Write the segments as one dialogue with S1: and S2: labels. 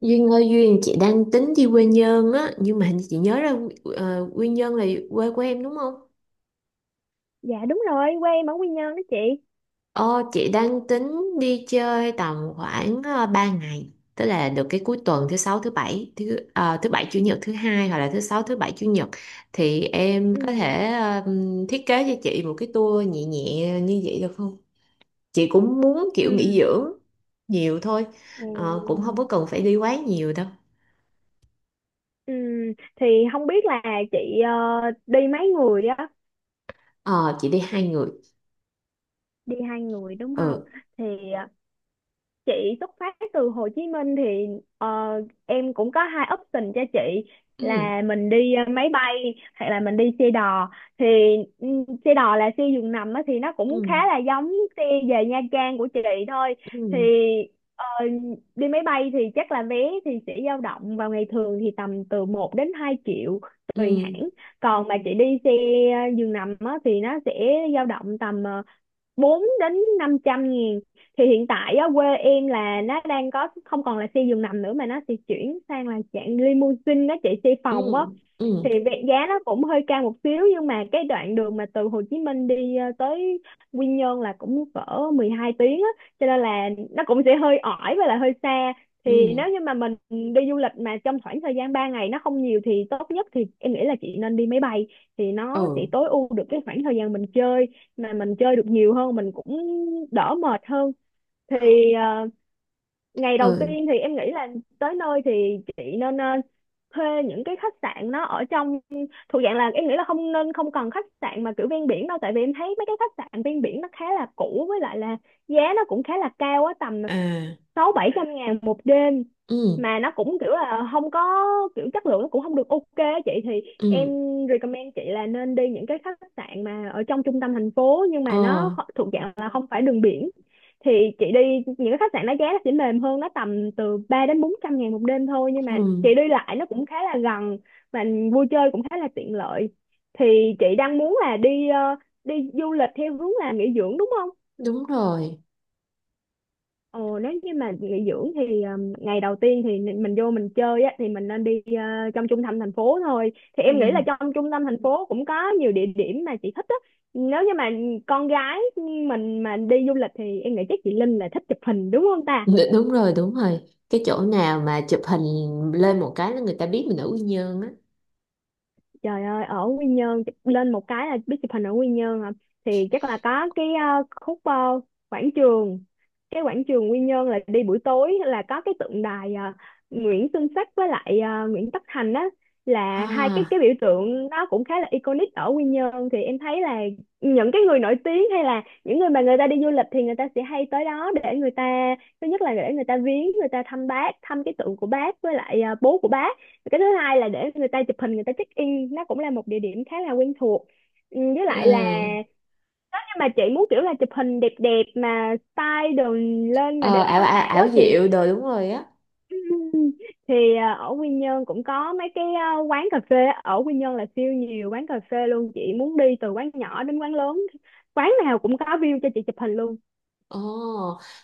S1: Duyên ơi Duyên, chị đang tính đi quê Nhơn á, nhưng mà hình như chị nhớ ra quê Nhơn là quê của em đúng không?
S2: Dạ, đúng rồi, quê em ở Quy Nhơn đó chị.
S1: Ờ chị đang tính đi chơi tầm khoảng 3 ngày, tức là được cái cuối tuần thứ sáu thứ bảy thứ bảy chủ nhật thứ hai, hoặc là thứ sáu thứ bảy chủ nhật, thì em
S2: Ừ.
S1: có thể thiết kế cho chị một cái tour nhẹ nhẹ như vậy được không? Chị cũng muốn
S2: Ừ.
S1: kiểu nghỉ dưỡng nhiều thôi.
S2: Ừ.
S1: Cũng không có cần phải đi quá nhiều đâu.
S2: Ừ. Thì không biết là chị ờ, đi mấy người á,
S1: Ờ chị đi 2 người.
S2: đi hai người đúng không?
S1: Ừ.
S2: Thì ờ, chị xuất phát từ Hồ Chí Minh thì ờ, em cũng có hai option cho chị,
S1: Ừ.
S2: là mình đi máy bay hoặc là mình đi xe đò. Thì ừ, xe đò là xe giường nằm á, thì nó cũng
S1: Ừ.
S2: khá là giống xe về Nha Trang của chị thôi. Thì
S1: Ừ,
S2: ờ, đi máy bay thì chắc là vé thì sẽ dao động vào ngày thường thì tầm từ một đến 2 triệu
S1: ừ,
S2: tùy hãng. Còn mà chị đi xe giường nằm á, thì nó sẽ dao động tầm 4 đến 500 nghìn. Thì hiện tại á, quê em là nó đang có không còn là xe giường nằm nữa, mà nó sẽ chuyển sang là dạng limousine đó chị, xe phòng á.
S1: ừ, ừ,
S2: Thì giá nó cũng hơi cao một xíu, nhưng mà cái đoạn đường mà từ Hồ Chí Minh đi tới Quy Nhơn là cũng cỡ 12 tiếng á, cho nên là nó cũng sẽ hơi ỏi và là hơi xa. Thì
S1: ừ,
S2: nếu như mà mình đi du lịch mà trong khoảng thời gian 3 ngày nó không nhiều, thì tốt nhất thì em nghĩ là chị nên đi máy bay, thì
S1: ờ,
S2: nó sẽ tối ưu được cái khoảng thời gian mình chơi, mà mình chơi được nhiều hơn, mình cũng đỡ mệt hơn. Thì ờ, ngày
S1: ờ,
S2: đầu tiên thì em nghĩ là tới nơi thì chị nên thuê những cái khách sạn nó ở trong, thuộc dạng là em nghĩ là không nên, không cần khách sạn mà kiểu ven biển đâu, tại vì em thấy mấy cái khách sạn ven biển nó khá là cũ, với lại là giá nó cũng khá là cao á, tầm
S1: à,
S2: sáu bảy trăm ngàn một đêm,
S1: ừ,
S2: mà nó cũng kiểu là không có, kiểu chất lượng nó cũng không được ok á chị. Thì em
S1: ừ,
S2: recommend chị là nên đi những cái khách sạn mà ở trong trung tâm thành phố, nhưng
S1: ờ,
S2: mà nó thuộc dạng là không phải đường biển. Thì chị đi những cái khách sạn nó giá nó sẽ mềm hơn, nó tầm từ 3 đến 400 ngàn một đêm thôi, nhưng mà
S1: ừ.
S2: chị đi lại nó cũng khá là gần, và vui chơi cũng khá là tiện lợi. Thì chị đang muốn là đi du lịch theo hướng là nghỉ dưỡng đúng không?
S1: Đúng rồi.
S2: Ồ, nếu như mà nghỉ dưỡng thì ngày đầu tiên thì mình vô mình chơi á, thì mình nên đi trong trung tâm thành phố thôi. Thì em nghĩ là
S1: Ừ.
S2: trong trung tâm thành phố cũng có nhiều địa điểm mà chị thích á. Nếu như mà con gái mình mà đi du lịch thì em nghĩ chắc chị Linh là thích chụp hình đúng không ta?
S1: Đúng rồi, đúng rồi, cái chỗ nào mà chụp hình lên một cái là người ta biết mình ở Quy Nhơn á.
S2: Trời ơi, ở Quy Nhơn lên một cái là biết chụp hình ở Quy Nhơn à. Thì chắc là có cái khúc quảng trường. Cái quảng trường Quy Nhơn là đi buổi tối là có cái tượng đài Nguyễn Xuân Sắc với lại Nguyễn Tất Thành á,
S1: Ha.
S2: là hai cái biểu tượng nó cũng khá là iconic ở Quy Nhơn. Thì em thấy là những cái người nổi tiếng hay là những người mà người ta đi du lịch thì người ta sẽ hay tới đó để người ta, thứ nhất là để người ta viếng, người ta thăm bác, thăm cái tượng của bác với lại bố của bác. Cái thứ hai là để người ta chụp hình, người ta check in, nó cũng là một địa điểm khá là quen thuộc. Ừ, với lại là
S1: Ừ.
S2: nếu như mà chị muốn kiểu là chụp hình đẹp đẹp mà style đồ lên mà
S1: ờ
S2: để
S1: ảo,
S2: sống
S1: ảo
S2: ảo á
S1: ảo
S2: thì,
S1: diệu đồ, đúng rồi á.
S2: ở Quy Nhơn cũng có mấy cái à, quán cà phê á. Ở Quy Nhơn là siêu nhiều quán cà phê luôn, chị muốn đi từ quán nhỏ đến quán lớn, quán nào cũng có view cho chị chụp hình luôn.
S1: Ồ,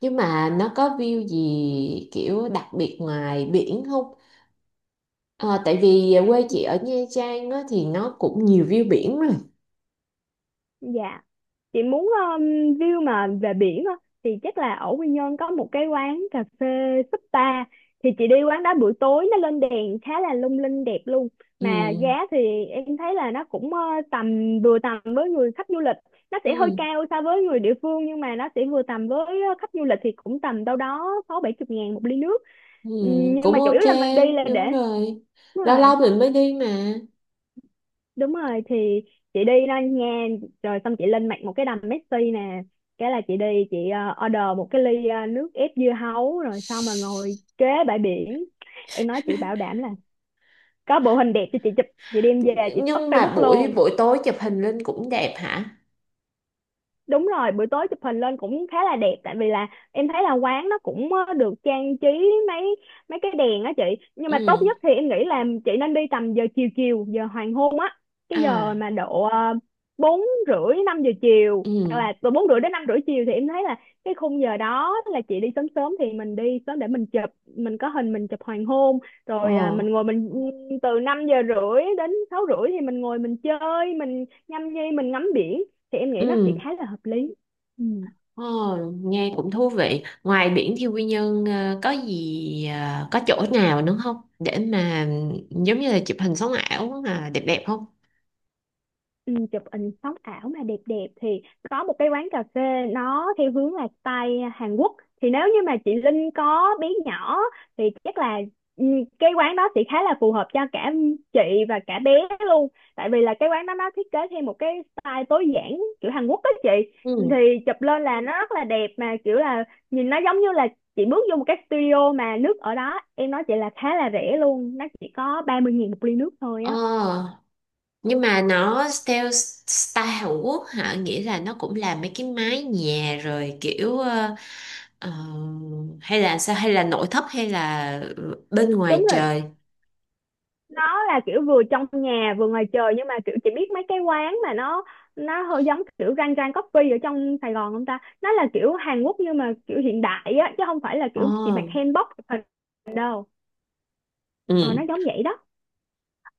S1: nhưng mà nó có view gì kiểu đặc biệt ngoài biển không? Ờ, tại vì quê chị ở Nha Trang á, thì nó cũng nhiều view biển rồi.
S2: Dạ. Chị muốn view mà về biển á thì chắc là ở Quy Nhơn có một cái quán cà phê Súp Ta, thì chị đi quán đó buổi tối nó lên đèn khá là lung linh đẹp luôn.
S1: Ừ.
S2: Mà giá thì em thấy là nó cũng tầm, vừa tầm với người khách du lịch, nó sẽ hơi
S1: Ừ,
S2: cao so với người địa phương, nhưng mà nó sẽ vừa tầm với khách du lịch, thì cũng tầm đâu đó sáu bảy chục ngàn một ly nước.
S1: ừ,
S2: Nhưng
S1: cũng
S2: mà chủ
S1: ok,
S2: yếu là mình đi là để.
S1: đúng rồi,
S2: Đúng
S1: lâu
S2: rồi,
S1: lâu mình mới đi mà.
S2: đúng rồi. Thì chị đi đó nha, rồi xong chị lên mạng một cái đầm Messi nè, cái là chị đi chị order một cái ly nước ép dưa hấu, rồi xong là ngồi kế bãi biển, em nói chị bảo đảm là có bộ hình đẹp cho chị chụp, chị đem về chị up
S1: Nhưng mà
S2: Facebook
S1: buổi
S2: luôn.
S1: buổi tối chụp hình lên cũng đẹp hả?
S2: Đúng rồi, buổi tối chụp hình lên cũng khá là đẹp, tại vì là em thấy là quán nó cũng được trang trí mấy mấy cái đèn á chị. Nhưng
S1: Ừ.
S2: mà tốt nhất thì em nghĩ là chị nên đi tầm giờ chiều chiều, giờ hoàng hôn á, cái giờ
S1: À.
S2: mà độ bốn rưỡi năm giờ chiều, hoặc
S1: Ừ.
S2: là từ bốn rưỡi đến năm rưỡi chiều, thì em thấy là cái khung giờ đó là chị đi sớm sớm, thì mình đi sớm để mình chụp, mình có hình mình chụp hoàng hôn,
S1: Ờ.
S2: rồi à, mình ngồi mình từ 5 giờ rưỡi đến 6 rưỡi thì mình ngồi mình chơi, mình nhâm nhi, mình ngắm biển, thì em nghĩ
S1: Ừ.
S2: nó sẽ khá là hợp lý. Ừ.
S1: Ờ, nghe cũng thú vị. Ngoài biển thì Quy Nhơn có gì, có chỗ nào nữa không để mà giống như là chụp hình sống ảo mà đẹp đẹp không?
S2: Ừ, chụp hình sống ảo mà đẹp đẹp thì có một cái quán cà phê, nó theo hướng là style Hàn Quốc. Thì nếu như mà chị Linh có bé nhỏ thì chắc là ừ, cái quán đó sẽ khá là phù hợp cho cả chị và cả bé luôn, tại vì là cái quán đó nó thiết kế theo một cái style tối giản kiểu Hàn Quốc á chị.
S1: Ừ.
S2: Thì chụp lên là nó rất là đẹp, mà kiểu là nhìn nó giống như là chị bước vô một cái studio, mà nước ở đó em nói chị là khá là rẻ luôn, nó chỉ có 30 nghìn một ly nước thôi
S1: Ờ,
S2: á.
S1: nhưng mà nó theo style Hàn Quốc hả, nghĩa là nó cũng làm mấy cái mái nhà rồi kiểu ờ, hay là sao, hay là nội thất, hay là bên
S2: Đúng
S1: ngoài
S2: rồi,
S1: trời?
S2: nó là kiểu vừa trong nhà vừa ngoài trời, nhưng mà kiểu chị biết mấy cái quán mà nó hơi giống kiểu rang rang coffee ở trong Sài Gòn không ta? Nó là kiểu Hàn Quốc nhưng mà kiểu hiện đại á, chứ không phải là kiểu chị mặc
S1: Ồ.
S2: hanbok chụp hình đâu.
S1: Ừ.
S2: Ờ, nó giống vậy đó.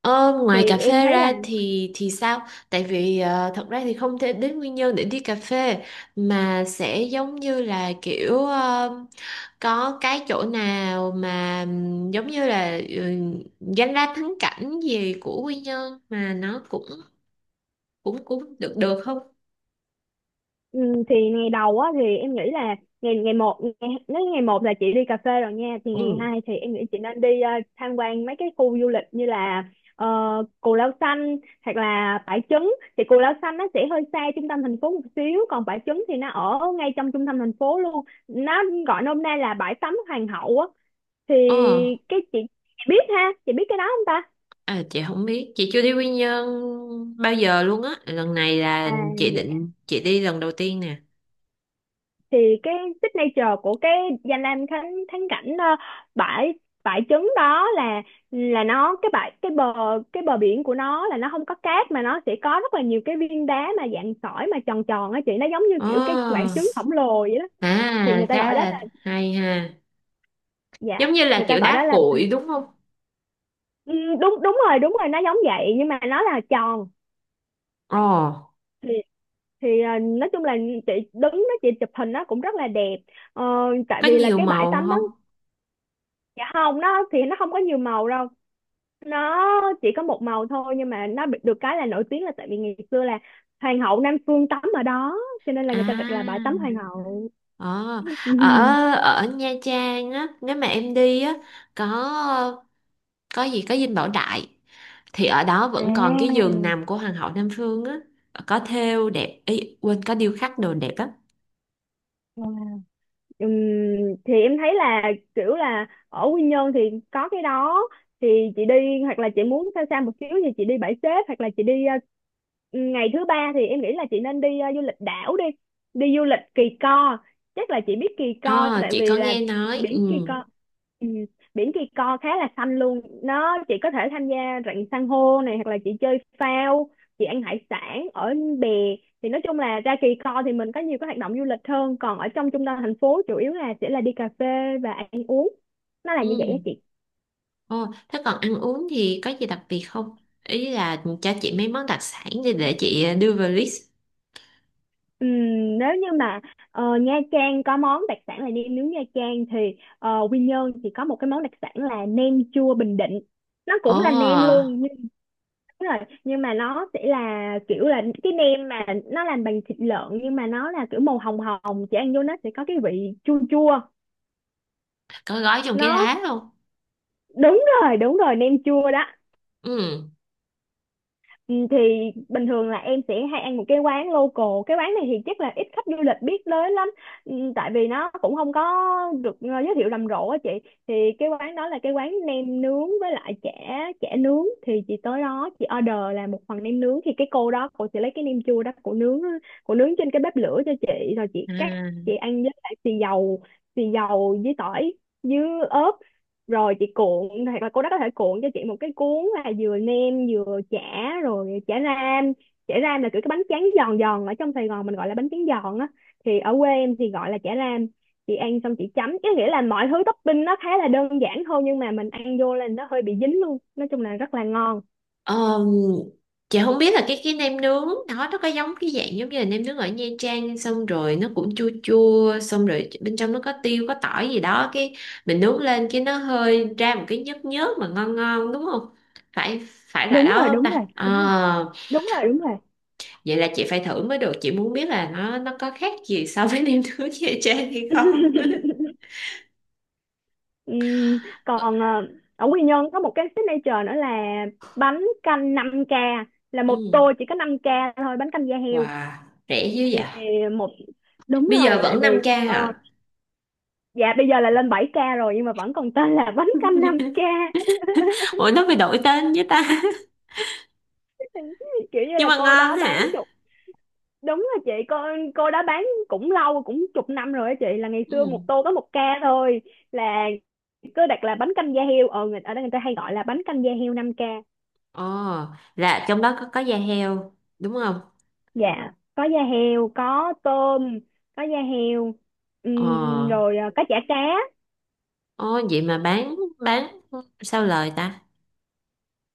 S1: Ờ,
S2: Thì
S1: ngoài cà
S2: em
S1: phê
S2: thấy là.
S1: ra thì sao? Tại vì thật ra thì không thể đến nguyên nhân để đi cà phê, mà sẽ giống như là kiểu có cái chỗ nào mà giống như là danh lam thắng cảnh gì của Quy Nhơn mà nó cũng cũng cũng được được không?
S2: Ừ, thì ngày đầu á thì em nghĩ là ngày, ngày một ngày, nếu ngày một là chị đi cà phê rồi nha, thì ngày
S1: Ừ.
S2: hai thì em nghĩ chị nên đi tham quan mấy cái khu du lịch như là ờ, Cù Lao Xanh hoặc là Bãi Trứng. Thì Cù Lao Xanh nó sẽ hơi xa trung tâm thành phố một xíu, còn Bãi Trứng thì nó ở ngay trong trung tâm thành phố luôn, nó gọi nôm na là bãi tắm hoàng hậu á. Thì
S1: Ờ,
S2: cái chị biết ha, chị biết cái đó không ta?
S1: à, chị không biết, chị chưa đi Quy Nhơn bao giờ luôn á. Lần này
S2: À,
S1: là chị
S2: dạ.
S1: định chị đi lần đầu tiên nè.
S2: Thì cái signature của cái danh lam thắng thắng cảnh bãi bãi trứng đó là nó cái bãi, cái bờ, cái bờ biển của nó là nó không có cát, mà nó sẽ có rất là nhiều cái viên đá mà dạng sỏi mà tròn tròn á chị, nó giống như kiểu cái quả
S1: Ờ,
S2: trứng khổng lồ vậy đó. Thì
S1: à
S2: người ta
S1: khá
S2: gọi đó
S1: là
S2: là.
S1: hay ha.
S2: Dạ.
S1: Giống như là
S2: Người ta
S1: kiểu
S2: gọi đó
S1: đá
S2: là.
S1: cuội đúng không?
S2: Ừ, đúng đúng rồi, đúng rồi, nó giống vậy nhưng mà nó là tròn.
S1: Ồ,
S2: Thì thì nói chung là chị đứng đó chị chụp hình nó cũng rất là đẹp. Ờ, tại
S1: có
S2: vì là
S1: nhiều
S2: cái bãi
S1: màu
S2: tắm đó.
S1: không?
S2: Dạ không, nó thì nó không có nhiều màu đâu, nó chỉ có một màu thôi, nhưng mà nó được cái là nổi tiếng là tại vì ngày xưa là hoàng hậu Nam Phương tắm ở đó, cho nên là người ta đặt là bãi
S1: À.
S2: tắm hoàng hậu.
S1: Ờ. Ở ở Nha Trang á, nếu mà em đi á, có có gì có Dinh Bảo Đại thì ở đó
S2: À.
S1: vẫn còn cái giường nằm của Hoàng hậu Nam Phương á, có thêu đẹp, ý quên, có điêu khắc đồ đẹp lắm.
S2: Ừm, thì em thấy là kiểu là ở Quy Nhơn thì có cái đó, thì chị đi, hoặc là chị muốn xa xa một xíu thì chị đi Bãi Xếp, hoặc là chị đi ngày thứ ba thì em nghĩ là chị nên đi du lịch đảo đi, đi du lịch Kỳ Co, chắc là chị biết Kỳ Co
S1: Ờ
S2: tại
S1: chị có
S2: vì là
S1: nghe nói.
S2: biển Kỳ
S1: Ừ.
S2: Co. Ừ, Biển Kỳ Co khá là xanh luôn, nó chị có thể tham gia rặng san hô này hoặc là chị chơi phao, chị ăn hải sản ở bè. Thì nói chung là ra Kỳ Co thì mình có nhiều cái hoạt động du lịch hơn, còn ở trong trung tâm thành phố chủ yếu là sẽ là đi cà phê và ăn uống, nó là
S1: Ừ.
S2: như vậy á chị.
S1: Ồ, thế còn ăn uống thì có gì đặc biệt không? Ý là cho chị mấy món đặc sản để chị đưa vào list.
S2: Nếu như mà Nha Trang có món đặc sản là nem nướng Nha Trang thì Quy Nhơn thì có một cái món đặc sản là nem chua Bình Định, nó
S1: Ồ,
S2: cũng là nem luôn, nhưng đúng rồi, nhưng mà nó sẽ là kiểu là cái nem mà nó làm bằng thịt lợn, nhưng mà nó là kiểu màu hồng hồng, chị ăn vô nó sẽ có cái vị chua chua,
S1: có gói trong cái
S2: nó
S1: lá luôn.
S2: đúng rồi, đúng rồi, nem chua đó.
S1: Ừ.
S2: Ừ, thì bình thường là em sẽ hay ăn một cái quán local, cái quán này thì chắc là ít khách du lịch biết tới lắm. Ừ, tại vì nó cũng không có được giới thiệu rầm rộ á chị. Thì cái quán đó là cái quán nem nướng với lại chả chả nướng thì chị tới đó chị order là một phần nem nướng, thì cái cô đó cô sẽ lấy cái nem chua đó cô nướng trên cái bếp lửa cho chị rồi chị
S1: Ừ.
S2: cắt, chị ăn với lại xì dầu, xì dầu với tỏi với ớt, rồi chị cuộn. Thì cô đó có thể cuộn cho chị một cái cuốn là vừa nem vừa chả, rồi chả ram. Chả ram là kiểu cái bánh tráng giòn giòn, ở trong Sài Gòn mình gọi là bánh tráng giòn á, thì ở quê em thì gọi là chả ram. Chị ăn xong chị chấm cái, nghĩa là mọi thứ topping nó khá là đơn giản thôi, nhưng mà mình ăn vô là nó hơi bị dính luôn, nói chung là rất là ngon.
S1: Ờm, chị không biết là cái nem nướng nó có giống cái dạng giống như là nem nướng ở Nha Trang, xong rồi nó cũng chua chua, xong rồi bên trong nó có tiêu có tỏi gì đó, cái mình nướng lên cái nó hơi ra một cái nhớt nhớt mà ngon ngon đúng không? Phải phải là
S2: Đúng
S1: đó
S2: rồi,
S1: không
S2: đúng
S1: ta?
S2: rồi,
S1: Ờ,
S2: đúng rồi, đúng rồi.
S1: vậy là chị phải thử mới được, chị muốn biết là nó có khác gì so với nem nướng Nha Trang hay không.
S2: Ừm, Còn ở Quy Nhơn có một cái signature nữa là bánh canh 5k, là một
S1: Ừ.
S2: tô chỉ có 5k thôi, bánh canh da heo.
S1: Wow, rẻ dữ
S2: Thì
S1: vậy.
S2: một Đúng
S1: Bây giờ
S2: rồi, tại
S1: vẫn 5k
S2: vì
S1: hả?
S2: dạ bây giờ là lên 7k rồi, nhưng mà vẫn còn tên là bánh canh 5k.
S1: Ủa nó phải đổi tên với ta?
S2: Kiểu như
S1: Nhưng
S2: là
S1: mà
S2: cô đó
S1: ngon
S2: bán
S1: hả?
S2: chục. Đúng rồi chị, cô đó bán cũng lâu, cũng chục năm rồi á chị, là ngày xưa một
S1: Ừ.
S2: tô có 1k thôi, là cứ đặt là bánh canh da heo. Ờ người ở đây người ta hay gọi là bánh canh da heo 5k.
S1: Ồ, là trong đó có da heo đúng không?
S2: Dạ có da heo, có tôm, có da heo
S1: Ồ.
S2: rồi có chả cá.
S1: Ồ, vậy mà bán sao lời ta?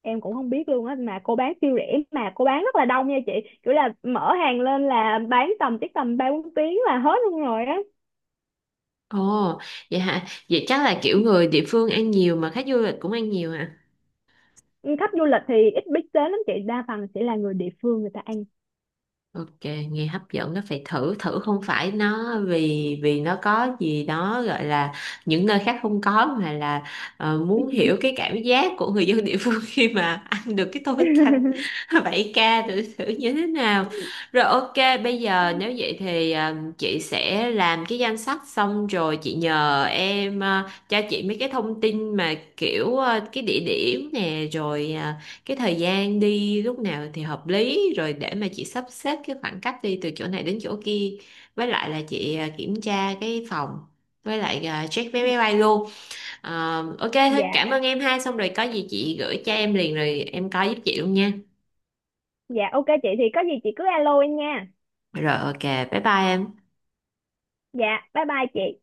S2: Em cũng không biết luôn á, mà cô bán siêu rẻ mà cô bán rất là đông nha chị, kiểu là mở hàng lên là bán tầm chắc tầm ba bốn tiếng là hết luôn rồi á.
S1: Ồ, vậy hả? Vậy chắc là kiểu người địa phương ăn nhiều, mà khách du lịch cũng ăn nhiều hả?
S2: Khách du lịch thì ít biết đến lắm chị, đa phần sẽ là người địa phương người ta ăn.
S1: Ok, nghe hấp dẫn, nó phải thử thử không phải nó, vì vì nó có gì đó gọi là những nơi khác không có, mà là muốn hiểu cái cảm giác của người dân địa phương khi mà ăn được cái tô bánh canh 7k thử thử như thế nào. Rồi ok, bây giờ nếu vậy thì chị sẽ làm cái danh sách xong rồi chị nhờ em cho chị mấy cái thông tin mà kiểu cái địa điểm nè, rồi cái thời gian đi lúc nào thì hợp lý, rồi để mà chị sắp xếp cái khoảng cách đi từ chỗ này đến chỗ kia, với lại là chị kiểm tra cái phòng, với lại check vé máy bay luôn. Ok thôi,
S2: Dạ,
S1: cảm ơn em ha, xong rồi có gì chị gửi cho em liền rồi em coi giúp chị luôn nha.
S2: dạ ok chị, thì có gì chị cứ alo em nha.
S1: Rồi ok, bye bye em.
S2: Dạ bye bye chị.